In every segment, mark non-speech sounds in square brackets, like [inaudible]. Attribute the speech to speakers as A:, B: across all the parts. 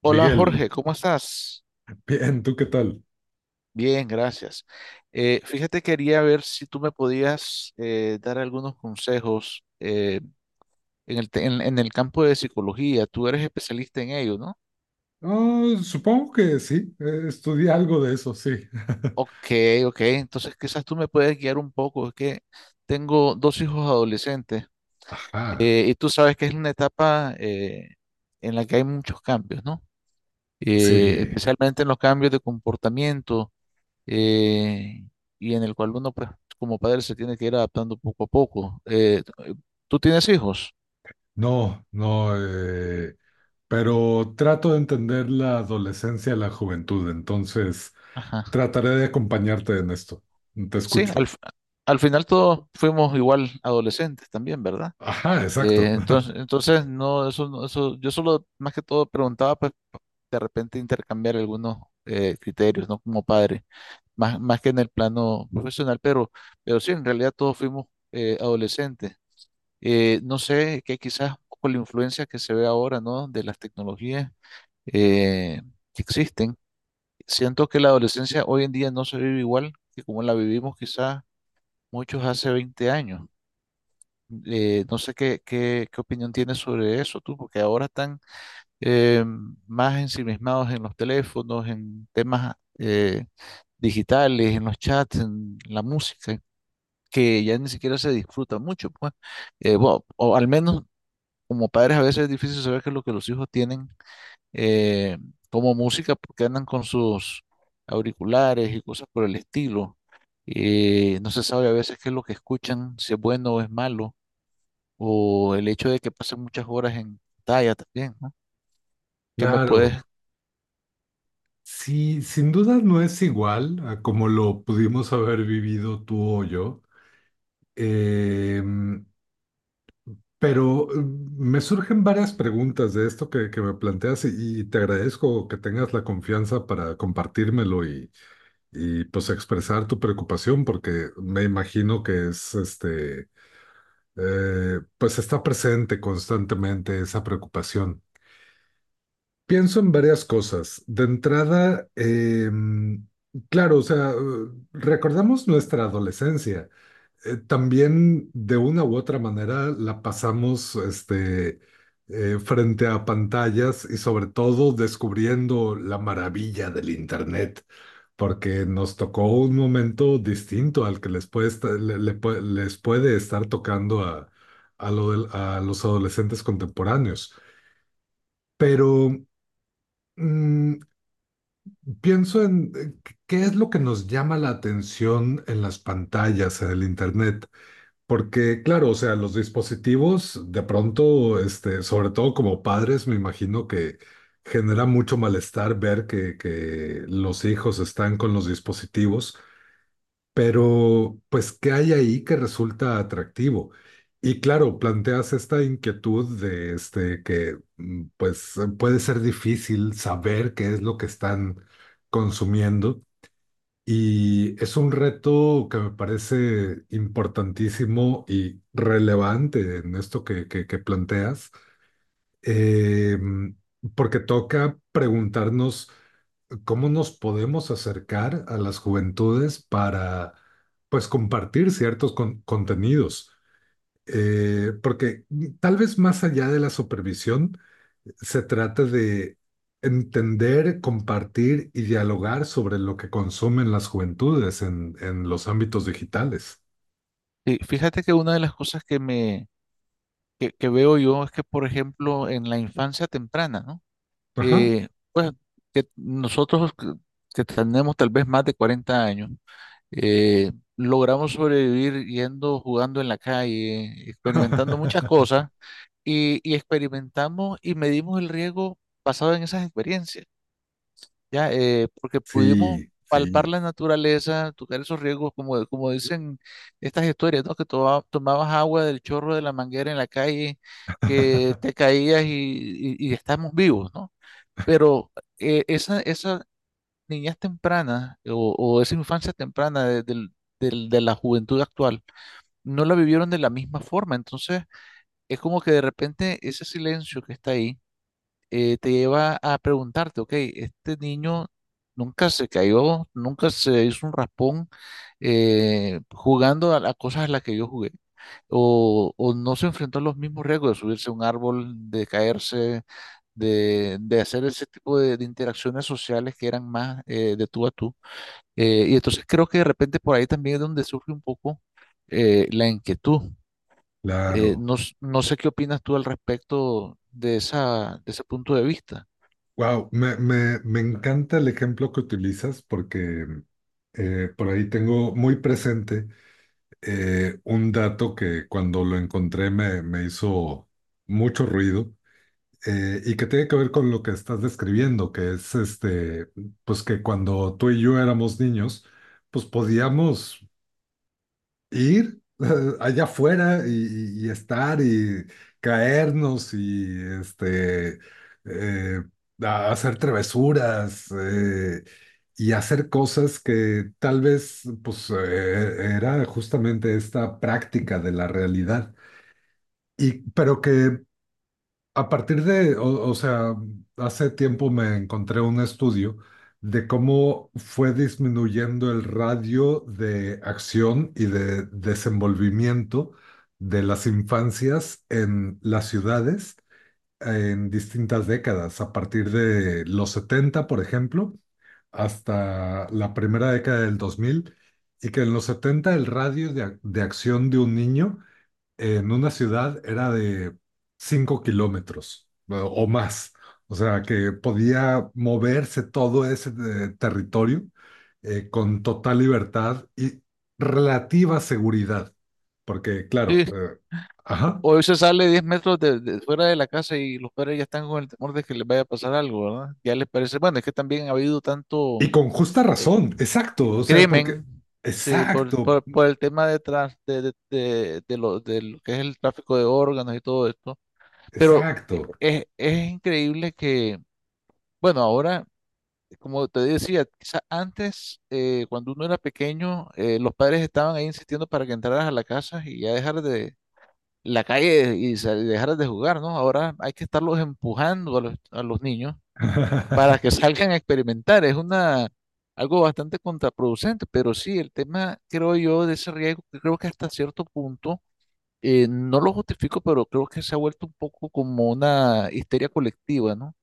A: Hola
B: Miguel,
A: Jorge, ¿cómo estás?
B: bien, ¿tú qué tal?
A: Bien, gracias. Fíjate, quería ver si tú me podías dar algunos consejos en en el campo de psicología. Tú eres especialista en ello, ¿no?
B: Ah, supongo que sí, estudié algo de eso, sí. [laughs]
A: Ok, ok. Entonces quizás tú me puedes guiar un poco. Es que tengo dos hijos adolescentes,
B: Ajá,
A: y tú sabes que es una etapa, en la que hay muchos cambios, ¿no?
B: sí,
A: Especialmente en los cambios de comportamiento, eh, y en el cual uno, pues, como padre, se tiene que ir adaptando poco a poco. ¿Tú tienes hijos?
B: no, no, pero trato de entender la adolescencia y la juventud, entonces
A: Ajá.
B: trataré de acompañarte en esto. Te
A: Sí,
B: escucho.
A: al final todos fuimos igual adolescentes también, ¿verdad?
B: Ajá,
A: Eh,
B: exacto. [laughs]
A: entonces, entonces, no, eso, eso, yo solo más que todo preguntaba, pues, de repente intercambiar algunos criterios, ¿no? Como padre, más que en el plano profesional, pero sí, en realidad todos fuimos adolescentes. No sé, que quizás con la influencia que se ve ahora, ¿no? De las tecnologías eh, que existen. Siento que la adolescencia hoy en día no se vive igual que como la vivimos quizás muchos hace 20 años. No sé qué opinión tienes sobre eso tú, porque ahora están eh, más ensimismados en los teléfonos, en temas digitales, en los chats, en la música, que ya ni siquiera se disfruta mucho, pues. Bueno, o al menos como padres a veces es difícil saber qué es lo que los hijos tienen eh, como música porque andan con sus auriculares y cosas por el estilo. No se sabe a veces qué es lo que escuchan, si es bueno o es malo, o el hecho de que pasen muchas horas en pantalla también, ¿no? Que me puedes...
B: Claro, sí, sin duda no es igual a como lo pudimos haber vivido tú o yo. Em, Pero me surgen varias preguntas de esto que me planteas y te agradezco que tengas la confianza para compartírmelo y pues expresar tu preocupación porque me imagino que es este, pues está presente constantemente esa preocupación. Pienso en varias cosas. De entrada, claro, o sea, recordamos nuestra adolescencia también de una u otra manera la pasamos este, frente a pantallas y sobre todo descubriendo la maravilla del Internet, porque nos tocó un momento distinto al que les puede, les puede estar tocando a, a los adolescentes contemporáneos. Pero mm, pienso en qué es lo que nos llama la atención en las pantallas, en el Internet. Porque, claro, o sea, los dispositivos de pronto, este, sobre todo como padres, me imagino que genera mucho malestar ver que los hijos están con los dispositivos, pero pues, ¿qué hay ahí que resulta atractivo? Y claro, planteas esta inquietud de este, que pues puede ser difícil saber qué es lo que están consumiendo. Y es un reto que me parece importantísimo y relevante en esto que, que planteas, eh, porque toca preguntarnos cómo nos podemos acercar a las juventudes para, pues, compartir ciertos contenidos. Porque tal vez más allá de la supervisión, se trata de entender, compartir y dialogar sobre lo que consumen las juventudes en los ámbitos digitales.
A: Fíjate que una de las cosas que que veo yo es que, por ejemplo, en la infancia temprana, ¿no?
B: Ajá.
A: Pues que nosotros que tenemos tal vez más de 40 años. Logramos sobrevivir yendo, jugando en la calle, experimentando muchas
B: [laughs]
A: cosas y experimentamos y medimos el riesgo basado en esas experiencias, ¿ya? Porque pudimos
B: Sí,
A: palpar
B: sí,
A: la naturaleza, tocar esos riesgos, como, como dicen estas historias, ¿no? Que tomabas agua del chorro de la manguera en la calle, que te caías y estamos vivos, ¿no? Pero, eh, niñez temprana o esa infancia temprana de la juventud actual no la vivieron de la misma forma. Entonces, es como que de repente ese silencio que está ahí te lleva a preguntarte, ok, este niño nunca se cayó, nunca se hizo un raspón jugando a las cosas a las que yo jugué. O no se enfrentó a los mismos riesgos de subirse a un árbol, de caerse, de hacer ese tipo de interacciones sociales que eran más de tú a tú. Y entonces creo que de repente por ahí también es donde surge un poco la inquietud.
B: claro.
A: No sé qué opinas tú al respecto de esa, de ese punto de vista.
B: Wow, me encanta el ejemplo que utilizas porque por ahí tengo muy presente un dato que cuando lo encontré me hizo mucho ruido y que tiene que ver con lo que estás describiendo, que es este, pues que cuando tú y yo éramos niños, pues podíamos ir [laughs] allá afuera y estar y caernos y este, eh, hacer travesuras y hacer cosas que tal vez, pues era justamente esta práctica de la realidad. Y, pero que a partir de, o sea, hace tiempo me encontré un estudio de cómo fue disminuyendo el radio de acción y de desenvolvimiento de las infancias en las ciudades en distintas décadas, a partir de los 70, por ejemplo, hasta la primera década del 2000, y que en los 70 el radio de, de acción de un niño en una ciudad era de 5 kilómetros o más. O sea, que podía moverse todo ese territorio con total libertad y relativa seguridad. Porque, claro,
A: Sí,
B: ajá.
A: hoy se sale 10 metros de fuera de la casa y los padres ya están con el temor de que les vaya a pasar algo, ¿verdad? Ya les parece, bueno, es que también ha habido
B: Y
A: tanto,
B: con justa
A: eh,
B: razón, exacto. O sea, porque,
A: crimen. Sí,
B: exacto,
A: por el tema de, trans- de lo que es el tráfico de órganos y todo esto. Pero
B: exacto.
A: es increíble que, bueno, ahora... como te decía, quizás antes, cuando uno era pequeño, los padres estaban ahí insistiendo para que entraras a la casa y ya dejar de la calle y dejaras de jugar, ¿no? Ahora hay que estarlos empujando a a los niños para que
B: [laughs]
A: salgan a experimentar. Es una, algo bastante contraproducente, pero sí, el tema, creo yo, de ese riesgo, que creo que hasta cierto punto no lo justifico, pero creo que se ha vuelto un poco como una histeria colectiva, ¿no?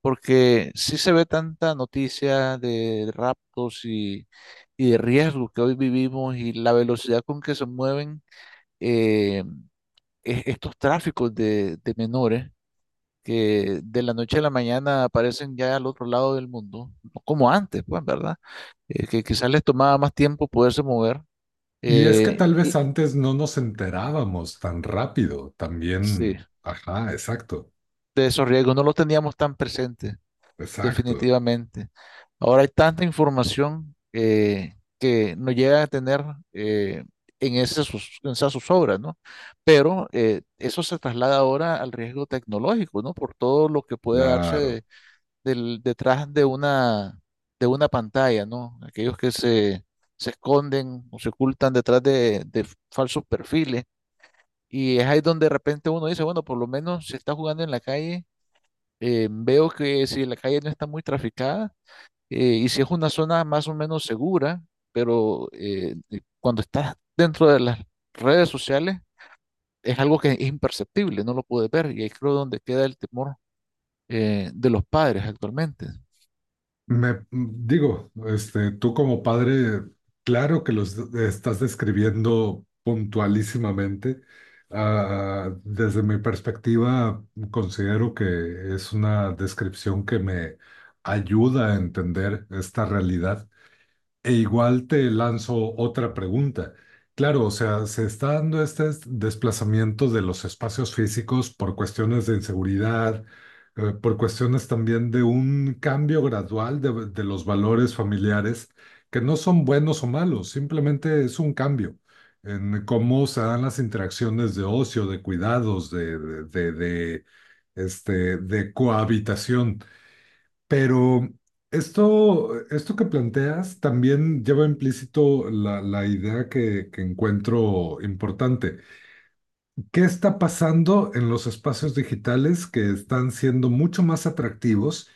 A: Porque sí se ve tanta noticia de raptos y de riesgos que hoy vivimos y la velocidad con que se mueven eh, estos tráficos de menores que de la noche a la mañana aparecen ya al otro lado del mundo, no como antes, pues, ¿verdad? Que quizás les tomaba más tiempo poderse mover.
B: Y es que
A: eh,
B: tal vez
A: y
B: antes no nos enterábamos tan rápido,
A: sí,
B: también, ajá, exacto,
A: de esos riesgos no los teníamos tan presentes.
B: exacto.
A: Definitivamente. Ahora hay tanta información que nos llega a tener eh, en esas sus obras, ¿no? Pero eso se traslada ahora al riesgo tecnológico, ¿no? Por todo lo que puede darse
B: Claro.
A: detrás de una pantalla, ¿no? Aquellos que se esconden o se ocultan detrás de falsos perfiles. Y es ahí donde de repente uno dice, bueno, por lo menos si está jugando en la calle, veo que si la calle no está muy traficada, y si es una zona más o menos segura, pero cuando estás dentro de las redes sociales, es algo que es imperceptible, no lo puedes ver. Y ahí creo donde queda el temor de los padres actualmente.
B: Me digo, este, tú como padre, claro que los estás describiendo puntualísimamente. Ah, desde mi perspectiva, considero que es una descripción que me ayuda a entender esta realidad. E igual te lanzo otra pregunta. Claro, o sea, se está dando este desplazamiento de los espacios físicos por cuestiones de inseguridad, por cuestiones también de un cambio gradual de los valores familiares, que no son buenos o malos, simplemente es un cambio en cómo se dan las interacciones de ocio, de cuidados, de, este, de cohabitación. Pero esto que planteas también lleva implícito la idea que, encuentro importante. ¿Qué está pasando en los espacios digitales que están siendo mucho más atractivos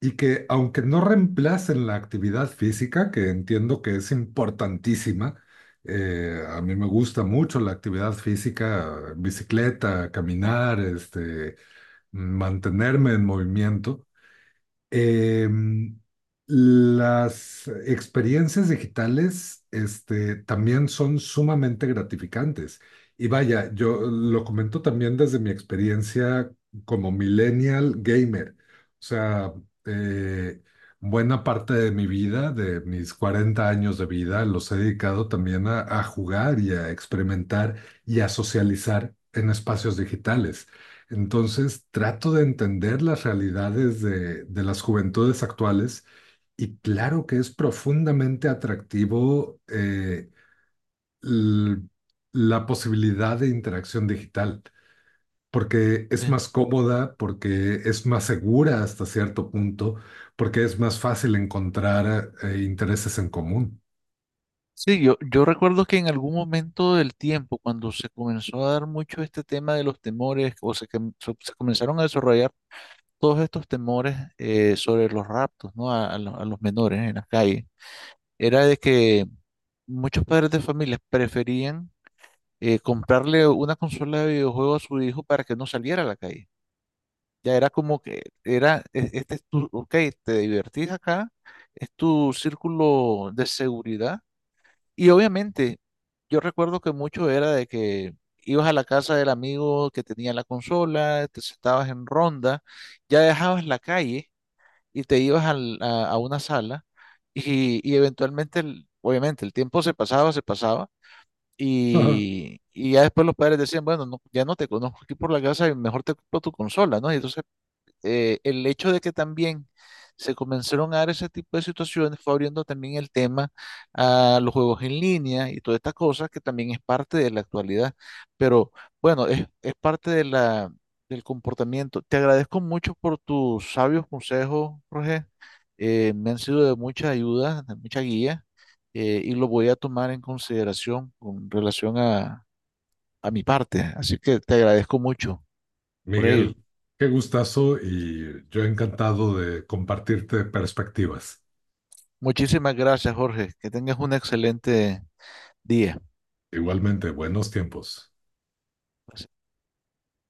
B: y que, aunque no reemplacen la actividad física, que entiendo que es importantísima, a mí me gusta mucho la actividad física, bicicleta, caminar, este, mantenerme en movimiento. Em, las experiencias digitales, este, también son sumamente gratificantes. Y vaya, yo lo comento también desde mi experiencia como millennial gamer. O sea, eh, buena parte de mi vida, de mis 40 años de vida, los he dedicado también a jugar y a experimentar y a socializar en espacios digitales. Entonces trato de entender las realidades de las juventudes actuales y claro que es profundamente atractivo l- la posibilidad de interacción digital, porque es
A: Sí,
B: más cómoda, porque es más segura hasta cierto punto, porque es más fácil encontrar intereses en común.
A: sí, yo recuerdo que en algún momento del tiempo, cuando se comenzó a dar mucho este tema de los temores, o se, com- se- se comenzaron a desarrollar todos estos temores sobre los raptos, ¿no? A, a los menores en las calles, era de que muchos padres de familias preferían comprarle una consola de videojuegos a su hijo para que no saliera a la calle. Ya era como que era, este es tu, ok, te divertís acá, es tu círculo de seguridad. Y obviamente, yo recuerdo que mucho era de que ibas a la casa del amigo que tenía la consola, te sentabas en ronda, ya dejabas la calle y te ibas a una sala y eventualmente, obviamente, el tiempo se pasaba
B: [laughs]
A: y ya después los padres decían, bueno, no, ya no te conozco aquí por la casa y mejor te compro tu consola, ¿no? Y entonces el hecho de que también se comenzaron a dar ese tipo de situaciones fue abriendo también el tema a los juegos en línea y todas estas cosas que también es parte de la actualidad. Pero bueno, es parte de la, del comportamiento. Te agradezco mucho por tus sabios consejos, Roger. Me han sido de mucha ayuda, de mucha guía, y lo voy a tomar en consideración con relación a mi parte. Así que te agradezco mucho por ello.
B: Miguel, qué gustazo y yo encantado de compartirte perspectivas.
A: Muchísimas gracias, Jorge. Que tengas un excelente día.
B: Igualmente, buenos tiempos.
A: Pues,